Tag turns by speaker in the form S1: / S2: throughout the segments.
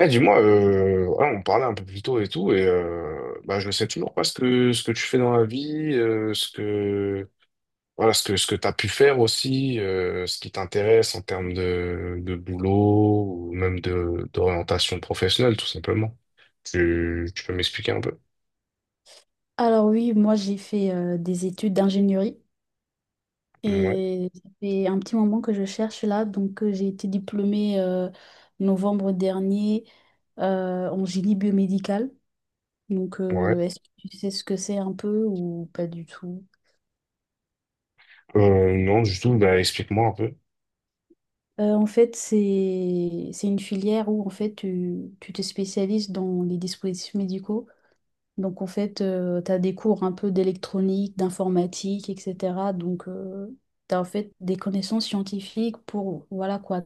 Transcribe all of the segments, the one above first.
S1: Eh, dis-moi, voilà, on parlait un peu plus tôt et tout, et bah, je ne sais toujours pas ce que tu fais dans la vie, voilà, ce que t'as pu faire aussi, ce qui t'intéresse en termes de boulot ou même d'orientation professionnelle, tout simplement. Tu peux m'expliquer un peu?
S2: Alors oui, moi j'ai fait des études d'ingénierie
S1: Ouais,
S2: et ça fait un petit moment que je cherche là. J'ai été diplômée novembre dernier en génie biomédical.
S1: ouais.
S2: Est-ce que tu sais ce que c'est un peu ou pas du tout?
S1: Non, du tout, bah, explique-moi un peu.
S2: En fait, c'est une filière où en fait tu te spécialises dans les dispositifs médicaux. Donc en fait, tu as des cours un peu d'électronique, d'informatique, etc. Donc tu as en fait des connaissances scientifiques pour, voilà quoi,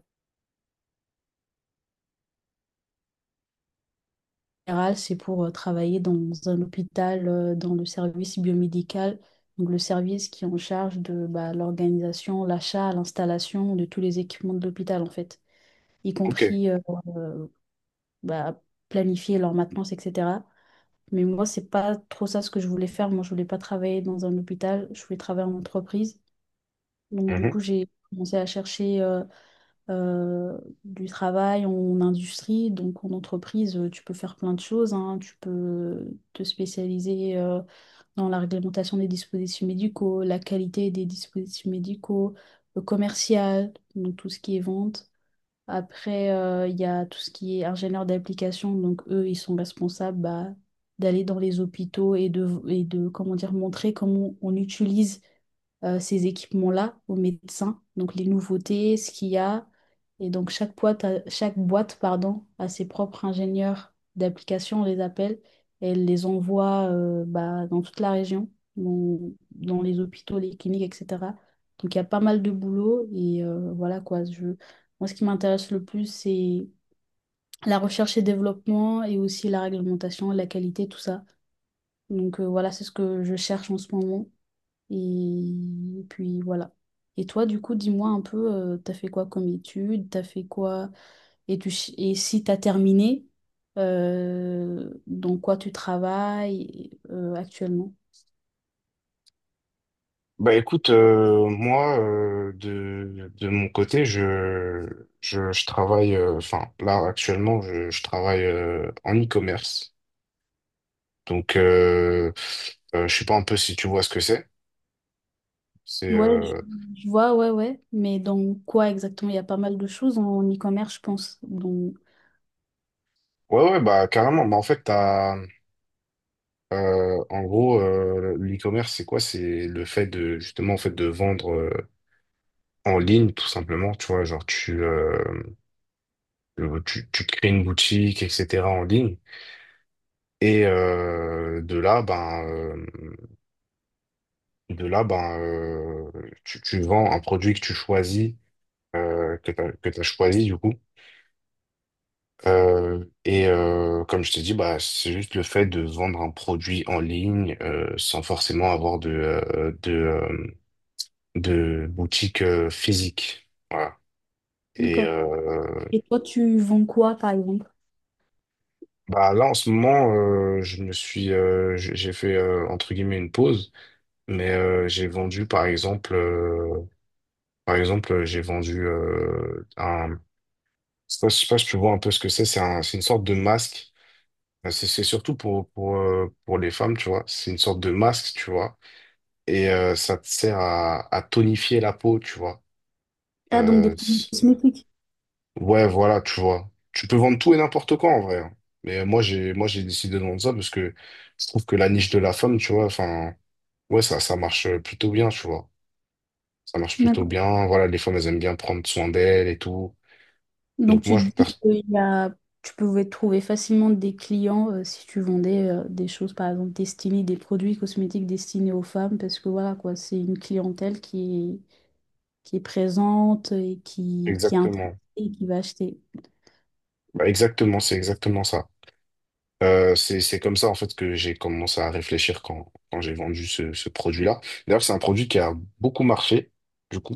S2: en général, c'est pour travailler dans un hôpital, dans le service biomédical, donc le service qui est en charge de bah, l'organisation, l'achat, l'installation de tous les équipements de l'hôpital en fait, y
S1: Ok.
S2: compris euh, bah, planifier leur maintenance, etc. Mais moi, c'est pas trop ça ce que je voulais faire. Moi, je voulais pas travailler dans un hôpital, je voulais travailler en entreprise. Donc, du coup, j'ai commencé à chercher euh, du travail en industrie. Donc, en entreprise, tu peux faire plein de choses, hein. Tu peux te spécialiser dans la réglementation des dispositifs médicaux, la qualité des dispositifs médicaux, le commercial, donc tout ce qui est vente. Après, il y a tout ce qui est ingénieur d'application. Donc, eux, ils sont responsables bah, d'aller dans les hôpitaux et de, comment dire, montrer comment on utilise ces équipements-là aux médecins, donc les nouveautés, ce qu'il y a. Et donc chaque boîte, pardon, a ses propres ingénieurs d'application, on les appelle, et elle les envoie bah, dans toute la région, dans, dans les hôpitaux, les cliniques, etc. Donc il y a pas mal de boulot et voilà quoi. Moi, ce qui m'intéresse le plus, c'est la recherche et développement et aussi la réglementation, la qualité, tout ça. Voilà, c'est ce que je cherche en ce moment. Et puis voilà. Et toi, du coup, dis-moi un peu, t'as fait quoi comme études, t'as fait quoi, et, tu, ch- et si t'as terminé, dans quoi tu travailles actuellement?
S1: Bah écoute, moi de mon côté, je travaille, enfin là actuellement, je travaille en e-commerce. Donc je sais pas un peu si tu vois ce que c'est. C'est
S2: Ouais, je
S1: euh,
S2: je vois, ouais, ouais, mais dans quoi exactement? Il y a pas mal de choses en e-commerce, je pense. Donc...
S1: ouais, ouais, bah carrément. Bah en fait t'as en gros, l'e-commerce c'est quoi? C'est le fait de justement en fait de vendre en ligne, tout simplement. Tu vois, genre, tu crées une boutique, etc., en ligne. Et heu, de là, ben, heu, de là, ben, tu vends un produit que tu choisis, que tu as choisi, du coup. Comme je t'ai dit, bah, c'est juste le fait de vendre un produit en ligne, sans forcément avoir de boutique, physique. Voilà. et
S2: D'accord.
S1: heu,
S2: Et toi, tu vends quoi, par exemple?
S1: Bah, là en ce moment, j'ai fait, entre guillemets «une pause», mais j'ai vendu par exemple, par exemple, j'ai vendu un. Je sais pas si tu vois un peu ce que c'est. C'est une sorte de masque. C'est surtout pour les femmes, tu vois. C'est une sorte de masque, tu vois. Et ça te sert à tonifier la peau, tu vois.
S2: Ah, donc des
S1: Euh,
S2: produits
S1: c'est-
S2: cosmétiques.
S1: ouais, voilà, tu vois. Tu peux vendre tout et n'importe quoi, en vrai, hein. Mais moi, j'ai décidé de vendre ça parce que je trouve que la niche de la femme, tu vois, enfin, ouais, ça marche plutôt bien, tu vois. Ça marche plutôt
S2: D'accord.
S1: bien. Voilà, les femmes, elles aiment bien prendre soin d'elles et tout.
S2: Donc
S1: Donc
S2: tu
S1: moi,
S2: te
S1: je-
S2: dis que il y a- tu pouvais trouver facilement des clients si tu vendais des choses, par exemple, destinées, des produits cosmétiques destinés aux femmes, parce que voilà, quoi, c'est une clientèle qui est présente et qui est intéressée
S1: Exactement.
S2: et qui va acheter.
S1: Bah, exactement, c'est exactement ça. C'est comme ça en fait que j'ai commencé à réfléchir quand j'ai vendu ce produit-là. D'ailleurs, c'est un produit qui a beaucoup marché, du coup.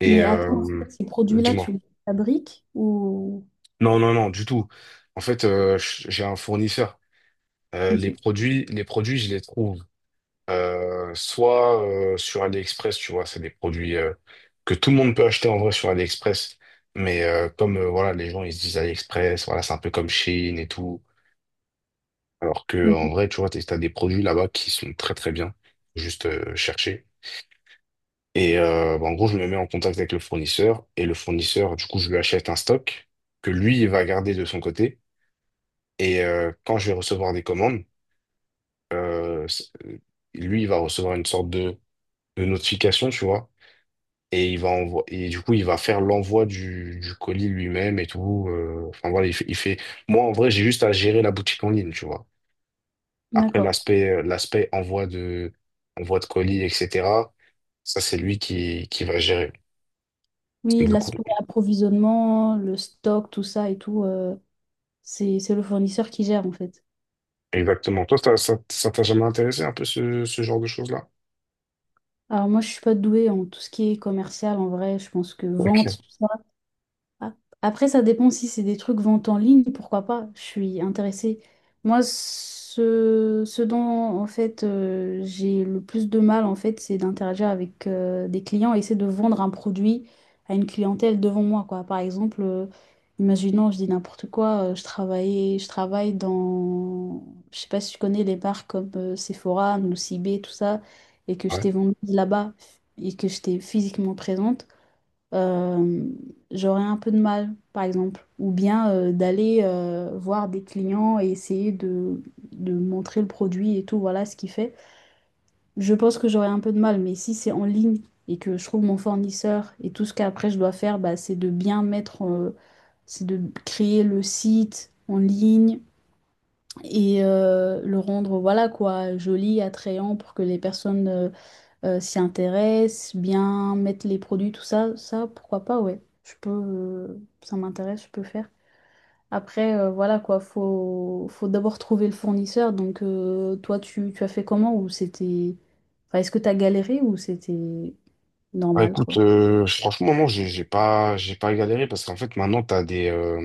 S1: Et
S2: Mais attends, en fait, ces produits-là,
S1: dis-moi.
S2: tu les fabriques ou...
S1: Non, non, non, du tout. En fait, j'ai un fournisseur.
S2: Ok.
S1: Les produits, je les trouve soit sur AliExpress, tu vois. C'est des produits que tout le monde peut acheter en vrai sur AliExpress. Mais comme voilà, les gens ils se disent AliExpress, voilà, c'est un peu comme Chine et tout. Alors que en
S2: Mhm.
S1: vrai, tu vois, t'as des produits là-bas qui sont très très bien, juste chercher. Et bah, en gros, je me mets en contact avec le fournisseur et le fournisseur, du coup, je lui achète un stock que lui, il va garder de son côté. Et quand je vais recevoir des commandes, euh, c- euh, lui, il va recevoir une sorte de notification, tu vois. Et il va envoyer, et du coup, il va faire l'envoi du colis lui-même et tout. Enfin voilà, il fait. Moi, en vrai, j'ai juste à gérer la boutique en ligne, tu vois. Après,
S2: D'accord.
S1: l'aspect envoi envoi de colis, etc., ça, c'est lui qui va gérer,
S2: Oui,
S1: du coup.
S2: l'aspect approvisionnement, le stock, tout ça et tout, c'est le fournisseur qui gère, en fait.
S1: Exactement. Toi, ça t'a jamais intéressé un peu ce genre de choses-là?
S2: Alors moi, je suis pas douée en tout ce qui est commercial en vrai. Je pense que
S1: Ok.
S2: vente, tout ça, ah, après, ça dépend si c'est des trucs vente en ligne, pourquoi pas, je suis intéressée. Moi, ce dont en fait j'ai le plus de mal en fait, c'est d'interagir avec des clients et essayer de vendre un produit à une clientèle devant moi, quoi. Par exemple, imaginons, je dis n'importe quoi, je travaille dans, je sais pas si tu connais les marques comme Sephora, Nocibé, tout ça, et que je
S1: Ouais.
S2: t'ai vendu là-bas et que j'étais physiquement présente euh, j'aurais un peu de mal, par exemple. Ou bien d'aller voir des clients et essayer de montrer le produit et tout, voilà ce qu'il fait. Je pense que j'aurais un peu de mal, mais si c'est en ligne et que je trouve mon fournisseur et tout ce qu'après je dois faire, bah, c'est de créer le site en ligne et le rendre voilà quoi joli, attrayant pour que les personnes s'y intéressent, bien mettre les produits, tout ça, ça, pourquoi pas, ouais. Je peux, ça m'intéresse, je peux faire. Après, voilà quoi, faut d'abord trouver le fournisseur. Donc, toi, tu as fait comment ou c'était... Enfin, est-ce que t'as galéré ou c'était
S1: Bah,
S2: normal,
S1: écoute,
S2: quoi?
S1: franchement, non, j'ai pas galéré parce qu'en fait, maintenant,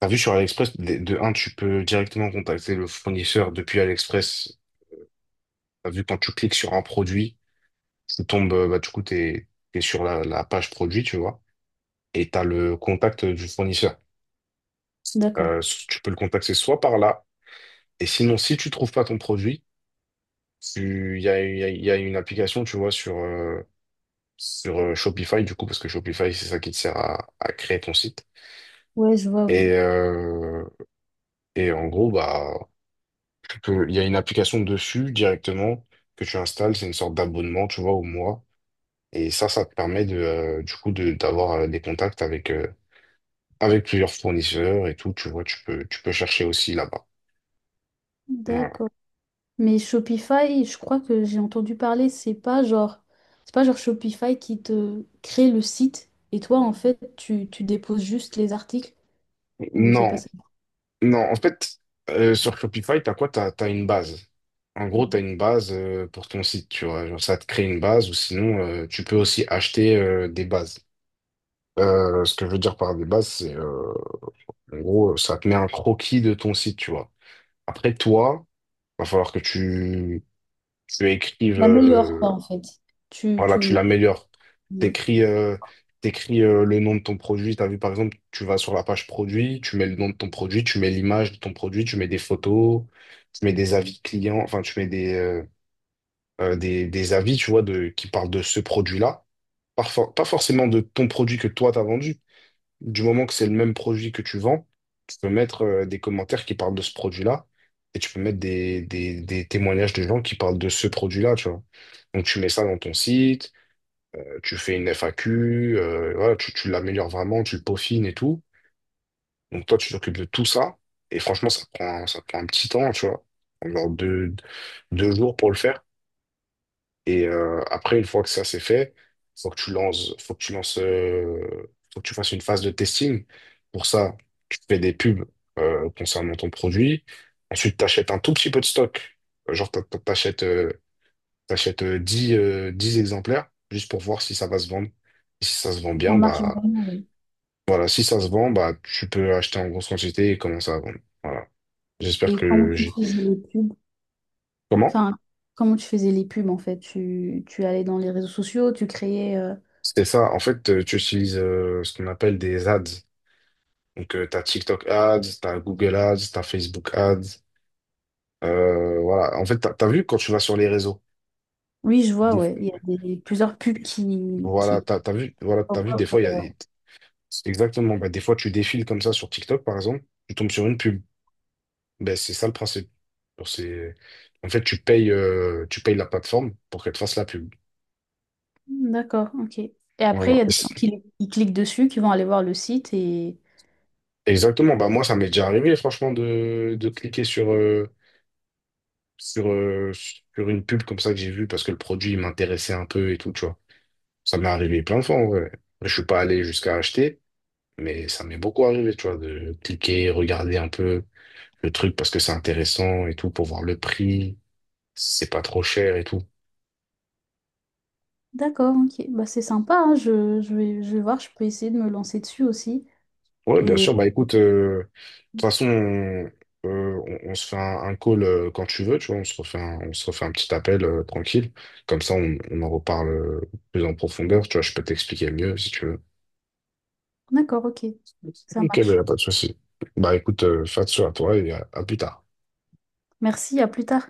S1: t'as vu sur AliExpress, de un, tu peux directement contacter le fournisseur depuis AliExpress. T'as vu quand tu cliques sur un produit, tu tombes, bah, du coup, t'es sur la page produit, tu vois, et t'as le contact du fournisseur.
S2: D'accord.
S1: Euh, Tu peux le contacter soit par là, et sinon, si tu trouves pas ton produit, il y a une application, tu vois, sur Shopify, du coup, parce que Shopify, c'est ça qui te sert à créer ton site.
S2: Ouais, je vois,
S1: Et,
S2: oui.
S1: euh, et en gros, bah, il y a une application dessus directement que tu installes. C'est une sorte d'abonnement, tu vois, au mois. Et ça te permet du coup, d'avoir des contacts avec plusieurs fournisseurs et tout, tu vois, tu peux chercher aussi là-bas. Voilà.
S2: D'accord. Mais Shopify, je crois que j'ai entendu parler, c'est pas genre Shopify qui te crée le site et toi, en fait, tu déposes juste les articles ou c'est pas
S1: Non,
S2: ça?
S1: non, en fait, sur Shopify, t'as quoi? T'as une base. En gros, t'as une base pour ton site, tu vois. Genre, ça te crée une base ou sinon, tu peux aussi acheter des bases. Ce que je veux dire par des bases, c'est en gros, ça te met un croquis de ton site, tu vois. Après, toi, va falloir que tu écrives.
S2: T'améliores quoi en fait. Tu,
S1: Voilà,
S2: tu
S1: tu
S2: le,
S1: l'améliores.
S2: le-
S1: T'écris euh, T'écris, le nom de ton produit. T'as vu, par exemple, tu vas sur la page produit, tu mets le nom de ton produit, tu mets l'image de ton produit, tu mets des photos, tu mets des avis clients, enfin, tu mets des avis, tu vois, qui parlent de ce produit-là. Parfois, pas forcément de ton produit que toi, t'as vendu. Du moment que c'est le même produit que tu vends, tu peux mettre des commentaires qui parlent de ce produit-là, et tu peux mettre des témoignages de gens qui parlent de ce produit-là, tu vois. Donc, tu mets ça dans ton site. Tu fais une FAQ. Voilà, tu l'améliores vraiment, tu le peaufines et tout. Donc toi, tu t'occupes de tout ça. Et franchement, ça prend un petit temps, tu vois. Genre 2 jours pour le faire. Et après, une fois que ça c'est fait, faut que tu lances, faut que tu lances, euh, faut que tu fasses une phase de testing. Pour ça, tu fais des pubs concernant ton produit. Ensuite, tu achètes un tout petit peu de stock. Genre, T'achètes 10 10 exemplaires juste pour voir si ça va se vendre. Et si ça se vend
S2: ça
S1: bien,
S2: marche
S1: bah
S2: vraiment, ouais.
S1: voilà, si ça se vend, bah tu peux acheter en grosse quantité et commencer à vendre. Voilà. J'espère
S2: Et comment
S1: que
S2: tu
S1: j'ai.
S2: faisais les pubs?
S1: Comment?
S2: Enfin, comment tu faisais les pubs en fait? Tu allais dans les réseaux sociaux, tu créais.
S1: C'était ça. En fait, tu utilises ce qu'on appelle des ads. Donc, t'as TikTok ads, t'as Google ads, t'as Facebook ads. Voilà. En fait, t'as vu quand tu vas sur les réseaux.
S2: Oui, je vois,
S1: Des-
S2: ouais. Il y a des, plusieurs pubs
S1: Voilà,
S2: qui...
S1: t'as
S2: pop
S1: vu, des
S2: up.
S1: fois, il y a. c'est Exactement. Bah, des fois, tu défiles comme ça sur TikTok, par exemple. Tu tombes sur une pub. Ben, c'est ça le principe. Pour ces- En fait, tu payes la plateforme pour qu'elle te fasse la pub.
S2: Hmm, d'accord, ok. Et après,
S1: Voilà.
S2: il y a des gens qui cliquent dessus, qui vont aller voir le site et.
S1: Exactement. Bah, moi, ça m'est déjà arrivé, franchement, de cliquer sur une pub comme ça que j'ai vue parce que le produit il m'intéressait un peu et tout, tu vois. Ça m'est arrivé plein de fois, en vrai. Je suis pas allé jusqu'à acheter, mais ça m'est beaucoup arrivé, tu vois, de cliquer, regarder un peu le truc parce que c'est intéressant et tout, pour voir le prix, si c'est pas trop cher et tout.
S2: D'accord, ok. Bah, c'est sympa, hein. Je vais voir, je peux essayer de me lancer dessus aussi.
S1: Ouais, bien
S2: Et
S1: sûr. Bah écoute, de toute façon, on se fait un call quand tu veux, tu vois. On se refait un petit appel tranquille. Comme ça, on en reparle plus en profondeur. Tu vois, je peux t'expliquer mieux si tu veux.
S2: d'accord, ok. Ça
S1: Ok, mais y
S2: marche.
S1: a pas de souci. Bah écoute, fais attention à toi et à plus tard.
S2: Merci, à plus tard.